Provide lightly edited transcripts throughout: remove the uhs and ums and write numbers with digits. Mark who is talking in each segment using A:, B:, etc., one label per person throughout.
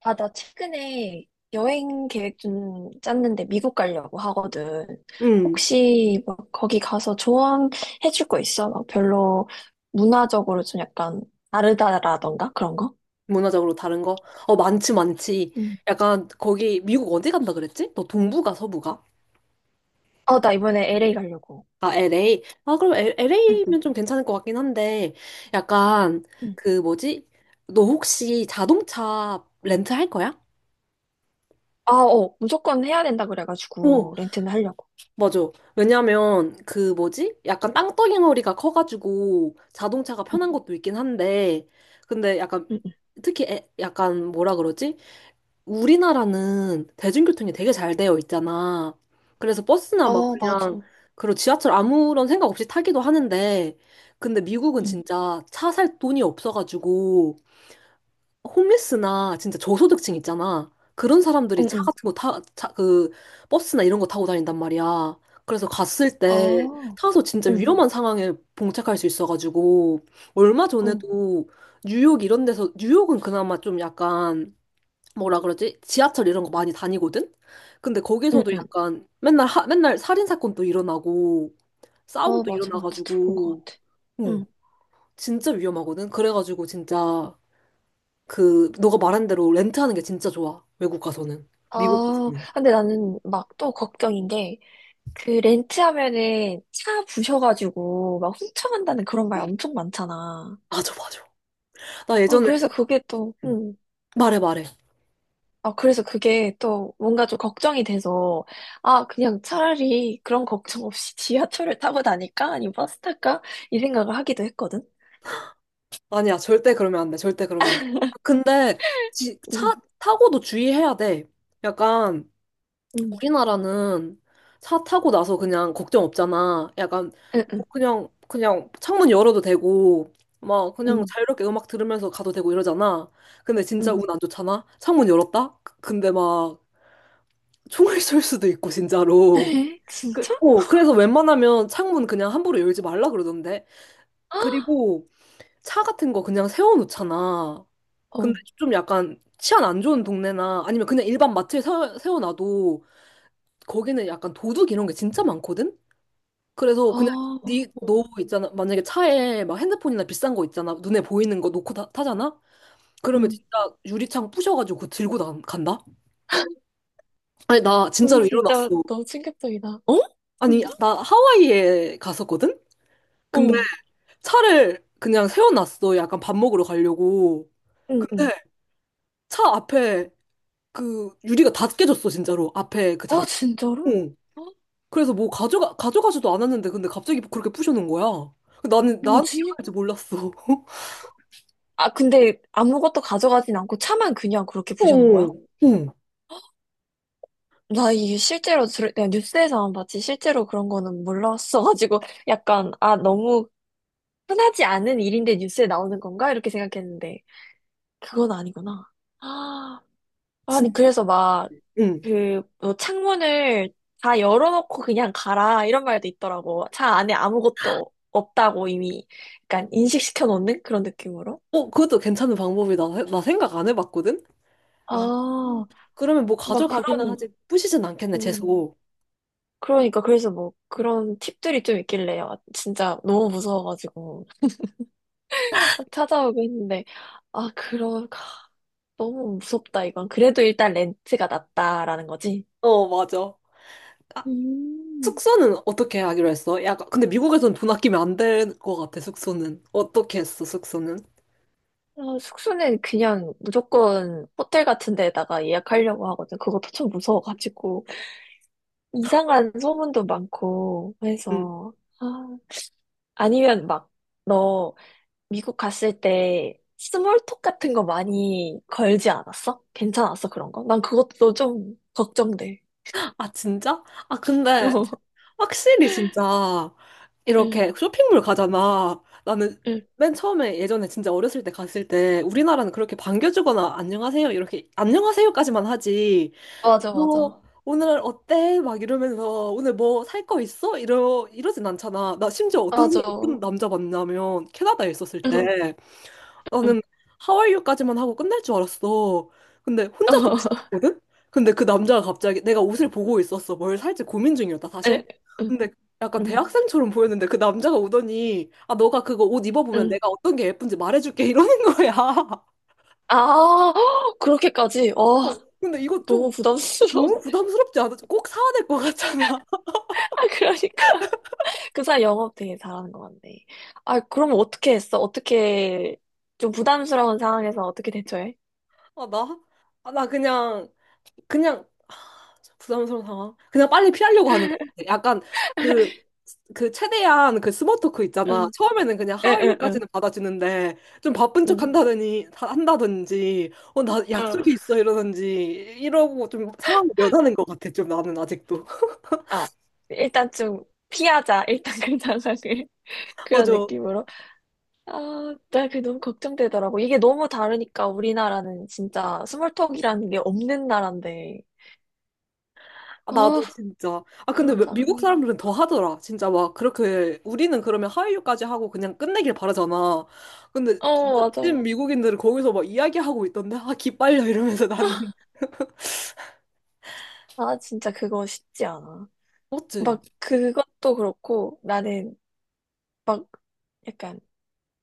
A: 아, 나 최근에 여행 계획 좀 짰는데 미국 가려고 하거든.
B: 음,
A: 혹시 막 거기 가서 조언해 줄 거 있어? 막 별로 문화적으로 좀 약간 다르다라던가 그런 거?
B: 문화적으로 다른 거? 어, 많지, 많지.
A: 응.
B: 약간, 거기, 미국 어디 간다 그랬지? 너 동부가, 서부가?
A: 어, 나 이번에 LA 가려고.
B: 아, LA. 아, 그럼
A: 응, 응,
B: LA면 좀 괜찮을 것 같긴 한데, 약간,
A: 응.
B: 그 뭐지? 너 혹시 자동차 렌트 할 거야?
A: 아, 어, 무조건 해야 된다
B: 오,
A: 그래가지고 렌트는 하려고.
B: 맞아. 왜냐면, 그 뭐지? 약간 땅덩어리가 커가지고, 자동차가
A: 응,
B: 편한 것도 있긴 한데, 근데 약간,
A: 응, 응.
B: 특히 약간 뭐라 그러지? 우리나라는 대중교통이 되게 잘 되어 있잖아. 그래서 버스나 막
A: 어,
B: 그냥,
A: 맞아.
B: 그리고 지하철 아무런 생각 없이 타기도 하는데, 근데 미국은
A: 응,
B: 진짜 차 살 돈이 없어가지고, 홈리스나 진짜 저소득층 있잖아. 그런 사람들이
A: 응,
B: 차
A: 응.
B: 같은 거 타, 차, 그, 버스나 이런 거 타고 다닌단 말이야. 그래서 갔을 때
A: 아,
B: 타서 진짜
A: 응,
B: 위험한 상황에 봉착할 수 있어가지고, 얼마
A: 응,
B: 전에도 뉴욕 이런 데서, 뉴욕은 그나마 좀 약간, 뭐라 그러지? 지하철 이런 거 많이 다니거든? 근데
A: 응,
B: 거기서도
A: 응.
B: 약간 맨날 맨날 살인 사건도 일어나고
A: 어,
B: 싸움도
A: 맞아, 맞아. 들어본 것
B: 일어나가지고
A: 같아.
B: 응, 진짜 위험하거든. 그래가지고 진짜 그 너가 말한 대로 렌트하는 게 진짜 좋아. 외국 가서는. 미국
A: 아,
B: 가서는.
A: 근데 나는 막 또 걱정인 게, 그 렌트하면은 차 부셔가지고 막 훔쳐간다는 그런 말 엄청 많잖아.
B: 맞아, 맞아. 나
A: 아,
B: 예전에
A: 그래서 그게 또,
B: 말해 말해.
A: 아, 그래서 그게 또 뭔가 좀 걱정이 돼서, 아, 그냥 차라리 그런 걱정 없이 지하철을 타고 다닐까? 아니면 버스 탈까? 이 생각을 하기도 했거든.
B: 아니야, 절대 그러면 안 돼. 절대 그러면 안 돼. 근데 지, 차
A: 응
B: 타고도 주의해야 돼. 약간
A: 응
B: 우리나라는 차 타고 나서 그냥 걱정 없잖아. 약간
A: 응, 응,
B: 뭐 그냥 창문 열어도 되고 막 그냥
A: 응,
B: 자유롭게 음악 들으면서 가도 되고 이러잖아. 근데 진짜
A: 응.
B: 운 안 좋잖아. 창문 열었다? 근데 막 총을 쏠 수도 있고 진짜로.
A: 에?
B: 그,
A: 진짜?
B: 어, 그래서 웬만하면 창문 그냥 함부로 열지 말라 그러던데.
A: 아,
B: 그리고 차 같은 거 그냥 세워놓잖아. 근데
A: 어,
B: 좀 약간 치안 안 좋은 동네나 아니면 그냥 일반 마트에 세워놔도 거기는 약간 도둑 이런 게 진짜 많거든? 그래서
A: 아,
B: 그냥
A: 어,
B: 니, 너 있잖아. 만약에 차에 막 핸드폰이나 비싼 거 있잖아. 눈에 보이는 거 놓고 타, 잖아 그러면
A: 응.
B: 진짜 유리창 부셔가지고 그거 들고 나, 간다? 아니, 나
A: 응,
B: 진짜로
A: 진짜
B: 일어났어.
A: 너무 충격적이다. 어?
B: 아니,
A: 응.
B: 나 하와이에 갔었거든? 근데
A: 어.
B: 차를 그냥 세워놨어. 약간 밥 먹으러 가려고.
A: 응, 응.
B: 근데 차 앞에 그 유리가 다 깨졌어, 진짜로. 앞에 그
A: 아,
B: 자석. 어.
A: 진짜로? 어?
B: 그래서 뭐 가져가, 가져가지도 않았는데, 근데 갑자기 그렇게 부셔는 거야. 나는, 나한테
A: 뭐지?
B: 일어날 줄 몰랐어.
A: 아, 근데 아무것도 가져가진 않고 차만 그냥 그렇게 부셔놓은 거야?
B: 어, 응,
A: 나 이게 실제로 들, 내가 뉴스에서만 봤지 실제로 그런 거는 몰랐어가지고 약간 아 너무 흔하지 않은 일인데 뉴스에 나오는 건가? 이렇게 생각했는데 그건 아니구나. 아, 아니
B: 진짜,
A: 그래서 막
B: 응.
A: 그 뭐 창문을 다 열어놓고 그냥 가라 이런 말도 있더라고. 차 안에 아무것도 없다고 이미 약간 인식시켜 놓는 그런 느낌으로.
B: 어, 그것도 괜찮은 방법이다. 나 생각 안 해봤거든? 아, 음.
A: 아,
B: 그러면 뭐
A: 막
B: 가져가기는
A: 그런,
B: 하지, 부시진 않겠네,
A: 음,
B: 재수.
A: 그러니까, 그래서 뭐, 그런 팁들이 좀 있길래, 요 진짜 너무 무서워가지고, 막 찾아오고 했는데, 아, 그러, 하, 너무 무섭다, 이건. 그래도 일단 렌트가 낫다라는 거지.
B: 어, 맞아. 아,
A: 음,
B: 숙소는 어떻게 하기로 했어? 약간, 근데 미국에선 돈 아끼면 안 될 것 같아, 숙소는. 어떻게 했어, 숙소는?
A: 아, 숙소는 그냥 무조건 호텔 같은 데다가 예약하려고 하거든. 그것도 참 무서워가지고, 이상한 소문도 많고
B: 응.
A: 해서, 아, 아니면 막, 너, 미국 갔을 때 스몰톡 같은 거 많이 걸지 않았어? 괜찮았어, 그런 거? 난 그것도 좀 걱정돼.
B: 아, 진짜? 아, 근데 확실히 진짜
A: 응,
B: 이렇게 쇼핑몰 가잖아. 나는
A: 응.
B: 맨 처음에 예전에 진짜 어렸을 때 갔을 때 우리나라는 그렇게 반겨주거나 안녕하세요 이렇게 안녕하세요까지만 하지.
A: 맞아, 맞아.
B: 너 오늘 어때? 막 이러면서 오늘 뭐 살 거 있어? 이러 이러진 않잖아. 나 심지어
A: 맞아.
B: 어떤 남자 만나면 캐나다에 있었을
A: 응,
B: 때
A: 응.
B: 나는 하와이유까지만 하고 끝날 줄 알았어. 근데 혼자
A: 어,
B: 고민했거든? 근데 그 남자가 갑자기 내가 옷을 보고 있었어. 뭘 살지 고민 중이었다, 사실.
A: 응, 응,
B: 근데 약간
A: 응.
B: 대학생처럼 보였는데 그 남자가 오더니 아, 너가 그거 옷 입어보면
A: 응.
B: 내가 어떤 게 예쁜지 말해줄게 이러는 거야.
A: 아, 그렇게까지? 어,
B: 어, 근데 이거
A: 너무
B: 좀
A: 부담스러워.
B: 너무 부담스럽지 않아? 꼭 사야 될 것 같잖아.
A: 아, 그러니까. 그 사람 영업 되게 잘하는 것 같네. 아, 그럼 어떻게 했어? 어떻게, 좀 부담스러운 상황에서 어떻게 대처해?
B: 아, 나? 아, 나 그냥, 그냥, 아, 참 부담스러운 상황. 그냥 빨리 피하려고 하는 것 같아. 약간 그 그 최대한 그 스모 토크 있잖아.
A: 응,
B: 처음에는 그냥
A: 응, 응,
B: 하와이유까지는 받아주는데 좀 바쁜 척
A: 응.
B: 한다든지 어 나
A: 응.
B: 약속이 있어 이러든지 이러고 좀 상황을 면하는 것 같아. 좀 나는 아직도.
A: 아, 일단 좀 피하자. 일단 그 상황을. 그런
B: 맞아.
A: 느낌으로. 아, 나 그게 너무 걱정되더라고. 이게 너무 다르니까 우리나라는 진짜 스몰톡이라는 게 없는 나라인데.
B: 아, 나도
A: 아,
B: 진짜. 아 근데
A: 그런
B: 미국
A: 상황이.
B: 사람들은 더 하더라. 진짜 막 그렇게 우리는 그러면 하와이유까지 하고 그냥 끝내길 바라잖아. 근데
A: 어,
B: 진짜 찐
A: 맞아.
B: 미국인들은 거기서 막 이야기하고 있던데 아 기빨려 이러면서 나는.
A: 아, 진짜 그거 쉽지 않아.
B: 맞지?
A: 막 그것도 그렇고 나는 막 약간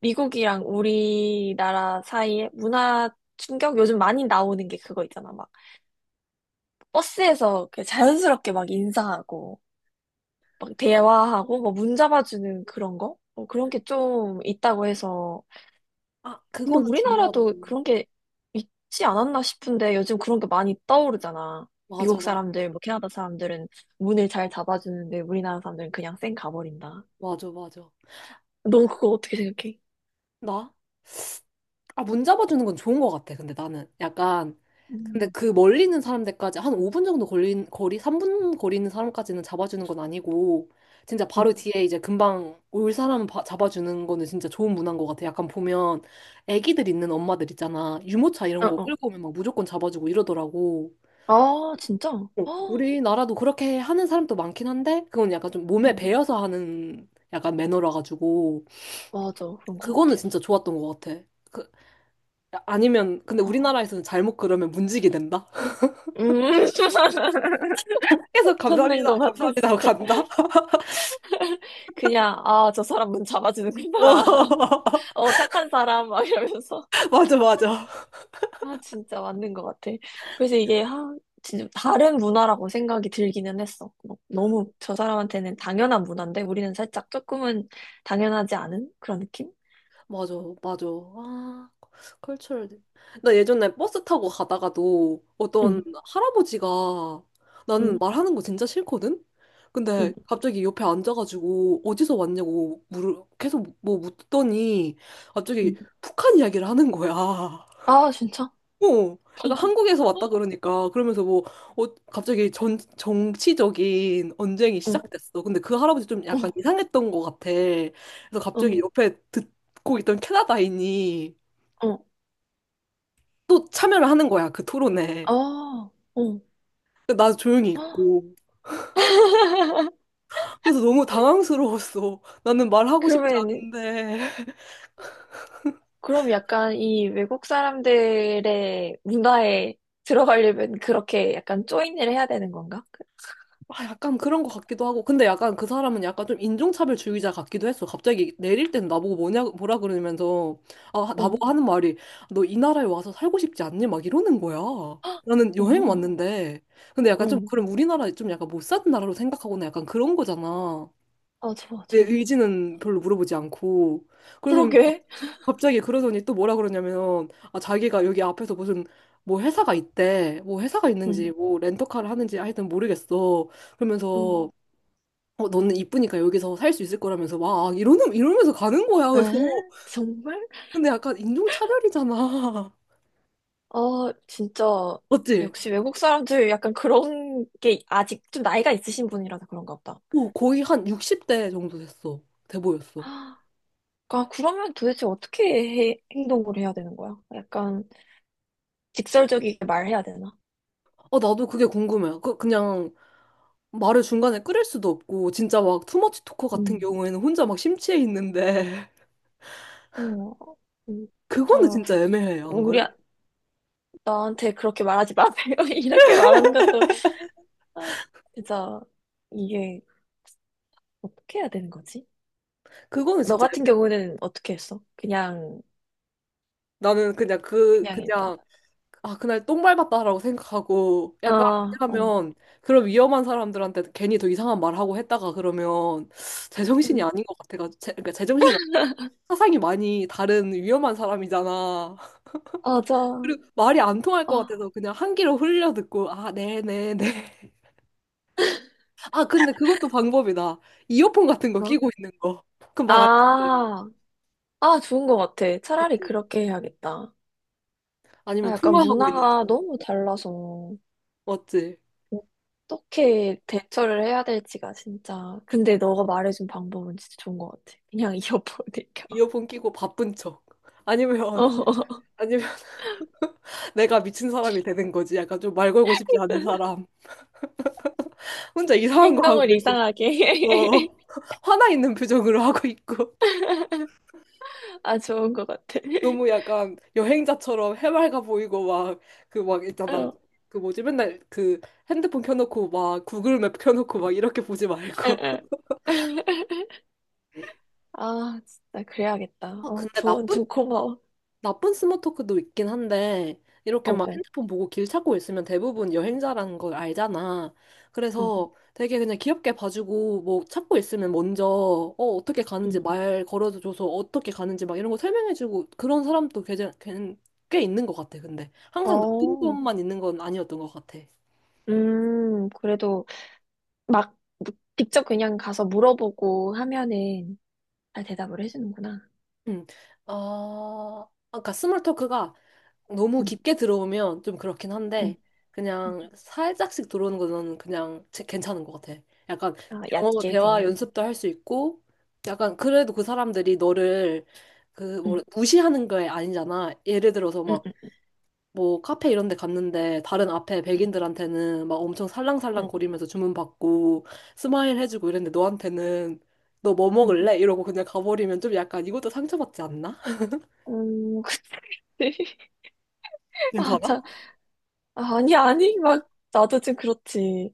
A: 미국이랑 우리나라 사이에 문화 충격 요즘 많이 나오는 게 그거 있잖아. 막 버스에서 그냥 자연스럽게 막 인사하고 막 대화하고 뭐 문 잡아주는 그런 거? 어, 그런 게 좀 있다고 해서.
B: 아
A: 근데
B: 그거는
A: 우리나라도
B: 중요하다고.
A: 그런 게 있지 않았나 싶은데 요즘 그런 게 많이 떠오르잖아.
B: 맞아
A: 미국
B: 맞아
A: 사람들, 뭐 캐나다 사람들은 문을 잘 잡아주는데 우리나라 사람들은 그냥 쌩 가버린다.
B: 맞아 맞아.
A: 넌 그거 어떻게 생각해?
B: 나? 아, 문 잡아주는 건 좋은 것 같아. 근데 나는 약간, 근데
A: 음.
B: 그 멀리 있는 사람들까지 한 5분 정도 걸린, 거리, 3분 거리 있는 사람까지는 잡아주는 건 아니고, 진짜
A: 응.
B: 바로 뒤에 이제 금방 올 잡아주는 거는 진짜 좋은 문화인 것 같아. 약간 보면 애기들 있는 엄마들 있잖아. 유모차 이런
A: 어,
B: 거
A: 어.
B: 끌고 오면 막 무조건 잡아주고 이러더라고.
A: 아, 진짜?
B: 어,
A: 어,
B: 우리나라도 그렇게 하는 사람도 많긴 한데, 그건 약간 좀 몸에
A: 응.
B: 배어서 하는 약간 매너라 가지고,
A: 맞아. 그런 것
B: 그거는
A: 같아.
B: 진짜 좋았던 것 같아. 그 아니면 근데
A: 아.
B: 우리나라에서는 잘못 그러면 문지기 된다.
A: 음.
B: 계속
A: 찾는
B: 감사합니다,
A: 것 같아,
B: 감사합니다 하고
A: 진짜.
B: 간다.
A: 그냥, 아, 저 사람 문 잡아주는구나.
B: 어,
A: 어, 착한 사람, 막 이러면서.
B: 맞아, 맞아,
A: 야, 진짜 맞는 것 같아. 그래서 이게, 하, 진짜 다른 문화라고 생각이 들기는 했어. 막 너무 저 사람한테는 당연한 문화인데, 우리는 살짝 조금은 당연하지 않은 그런 느낌?
B: 맞아, 맞아. 아, 컬처럴. 나 예전에 버스 타고 가다가도 어떤
A: 응,
B: 할아버지가 나는
A: 응,
B: 말하는 거 진짜 싫거든. 근데
A: 응,
B: 갑자기 옆에 앉아가지고 어디서 왔냐고 물을 계속 뭐 묻더니 갑자기
A: 응.
B: 북한 이야기를 하는 거야.
A: 아, 진짜?
B: 어,
A: 응,
B: 약간 한국에서 왔다 그러니까 그러면서 뭐 어, 갑자기 전 정치적인 언쟁이
A: 응,
B: 시작됐어. 근데 그 할아버지 좀 약간 이상했던 것 같아. 그래서 갑자기
A: 응,
B: 옆에 듣고 있던 캐나다인이
A: 응.
B: 또 참여를 하는 거야 그 토론에.
A: 아, 응.
B: 근데 나 조용히
A: 헉,
B: 있고 그래서 너무 당황스러웠어. 나는 말하고 싶지
A: 그러면,
B: 않은데.
A: 그럼 약간 이 외국 사람들의 문화에 들어가려면 그렇게 약간 조인을 해야 되는 건가? 그,
B: 아, 약간 그런 것 같기도 하고. 근데 약간 그 사람은 약간 좀 인종차별 주의자 같기도 했어. 갑자기 내릴 땐 나보고 뭐냐, 뭐라 그러면서, 아,
A: 응.
B: 나보고 하는 말이, 너 이 나라에 와서 살고 싶지 않니? 막 이러는 거야.
A: 헉!
B: 나는 여행
A: 어,
B: 왔는데. 근데 약간 좀,
A: 응.
B: 그럼 우리나라 좀 약간 못 사는 나라로 생각하거나 약간 그런 거잖아.
A: 맞아,
B: 내
A: 맞아.
B: 의지는 별로 물어보지 않고. 그래서
A: 그러게.
B: 갑자기 그러더니 또 뭐라 그러냐면, 아, 자기가 여기 앞에서 무슨, 뭐 회사가 있대. 뭐 회사가
A: 응,
B: 있는지, 뭐 렌터카를 하는지 하여튼 모르겠어.
A: 응.
B: 그러면서, 어, 너는 이쁘니까 여기서 살 수 있을 거라면서 막 아, 이러는 이러면서 가는 거야. 그래서
A: 에? 정말?
B: 근데 약간 인종 차별이잖아.
A: 아, 진짜.
B: 맞지?
A: 역시 외국 사람들 약간 그런 게 아직 좀 나이가 있으신 분이라서 그런가 보다.
B: 어, 거의 한 60대 정도 됐어. 돼 보였어.
A: 아, 그러면 도대체 어떻게 해- 행동을 해야 되는 거야? 약간 직설적이게 말해야 되나?
B: 어, 나도 그게 궁금해. 그, 그냥 말을 중간에 끊을 수도 없고 진짜 막 투머치 토커 같은
A: 음,
B: 경우에는 혼자 막 심취해 있는데
A: 어, 음,
B: 그거는
A: 진짜,
B: 진짜 애매해. 안
A: 우리,
B: 그래?
A: 아- 나한테 그렇게 말하지 마세요. 이렇게 말하는 것도, 아, 진짜, 이게 어떻게 해야 되는 거지?
B: 그거는
A: 너
B: 진짜
A: 같은
B: 애매해.
A: 경우는 어떻게 했어? 그냥,
B: 나는 그냥 그
A: 그냥 일단.
B: 그냥 아, 그날 똥 밟았다라고 생각하고, 약간,
A: 아, 어.
B: 왜냐하면, 그런 위험한 사람들한테 괜히 더 이상한 말 하고 했다가 그러면, 제정신이
A: 음,
B: 아닌 것 같아가지고, 제, 그러니까 제정신은 아니고 사상이 많이 다른 위험한 사람이잖아.
A: 맞아.
B: 그리고 말이 안 통할
A: 아,
B: 것 같아서 그냥 한 귀로 흘려 듣고, 아, 네네네. 아, 근데 그것도 방법이다. 이어폰 같은 거
A: 뭐?
B: 끼고 있는 거. 그럼 말안 듣
A: 아, 아, 좋은 것 같아.
B: 아
A: 차라리
B: 맞지?
A: 그렇게 해야겠다. 아,
B: 아니면
A: 약간
B: 통화하고 있는
A: 문화가
B: 거.
A: 너무 달라서
B: 맞지?
A: 어떻게 대처를 해야 될지가 진짜. 근데 너가 말해준 방법은 진짜 좋은 것 같아. 그냥 이어폰을 껴.
B: 이어폰 끼고 바쁜 척. 아니면,
A: 어,
B: 아니면, 내가 미친 사람이 되는 거지. 약간 좀 말 걸고 싶지 않은 사람. 혼자 이상한 거 하고
A: 행동을
B: 있고, 어,
A: 이상하게.
B: 화나 있는 표정으로 하고 있고.
A: 아, 좋은 것 같아.
B: 너무 약간 여행자처럼 해맑아 보이고, 막, 그 막 있잖아.
A: 어,
B: 그 뭐지, 맨날 그 핸드폰 켜놓고 막 구글맵 켜놓고 막 이렇게 보지
A: 에,
B: 말고.
A: 에. 아, 진짜 그래야겠다.
B: 아,
A: 어,
B: 근데
A: 조언
B: 나쁜
A: 좀 고마워.
B: 나쁜 스몰 토크도 있긴 한데, 이렇게
A: 어,
B: 막
A: 어,
B: 핸드폰 보고 길 찾고 있으면 대부분 여행자라는 걸 알잖아.
A: 어,
B: 그래서 되게 그냥 귀엽게 봐주고, 뭐 찾고 있으면 먼저, 어, 어떻게 가는지
A: 음.
B: 말 걸어줘서 어떻게 가는지 막 이런 거 설명해주고, 그런 사람도 꽤, 꽤 있는 것 같아, 근데. 항상 나쁜
A: 어,
B: 것만 있는 건 아니었던 것 같아.
A: 그래도 막 직접 그냥 가서 물어보고 하면은 다 대답을 해주는구나.
B: 음 어, 아, 아까 스몰 토크가 너무
A: 응
B: 깊게 들어오면 좀 그렇긴
A: 응
B: 한데
A: 응
B: 그냥 살짝씩 들어오는 거는 괜찮은 것 같아. 약간
A: 아
B: 영어
A: 얕게
B: 대화
A: 그냥.
B: 연습도 할 수 있고 약간 그래도 그 사람들이 너를 그 뭐
A: 응
B: 무시하는 게 아니잖아. 예를 들어서
A: 응
B: 막
A: 응
B: 뭐 카페 이런 데 갔는데 다른 앞에 백인들한테는 막 엄청 살랑살랑
A: 응
B: 거리면서 주문 받고 스마일 해주고 이랬는데 너한테는 너 뭐
A: 응
B: 먹을래? 이러고 그냥 가버리면 좀 약간 이것도 상처받지 않나?
A: 음, 그치. 아,
B: 괜찮아?
A: 자 아, 아니, 아니, 막, 나도 좀 그렇지.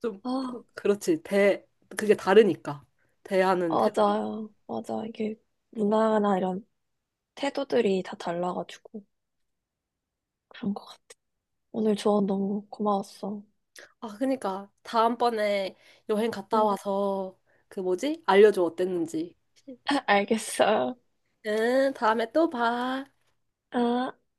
B: 좀
A: 아,
B: 그렇지 대 그게 다르니까 대하는 태도가
A: 맞아요. 맞아. 이게 문화나 이런 태도들이 다 달라가지고 그런 것 같아. 오늘 조언 너무 고마웠어.
B: 아 그러니까 다음번에 여행 갔다
A: 응,
B: 와서 그 뭐지 알려줘 어땠는지
A: 알겠어.
B: 응 다음에 또 봐.
A: 아.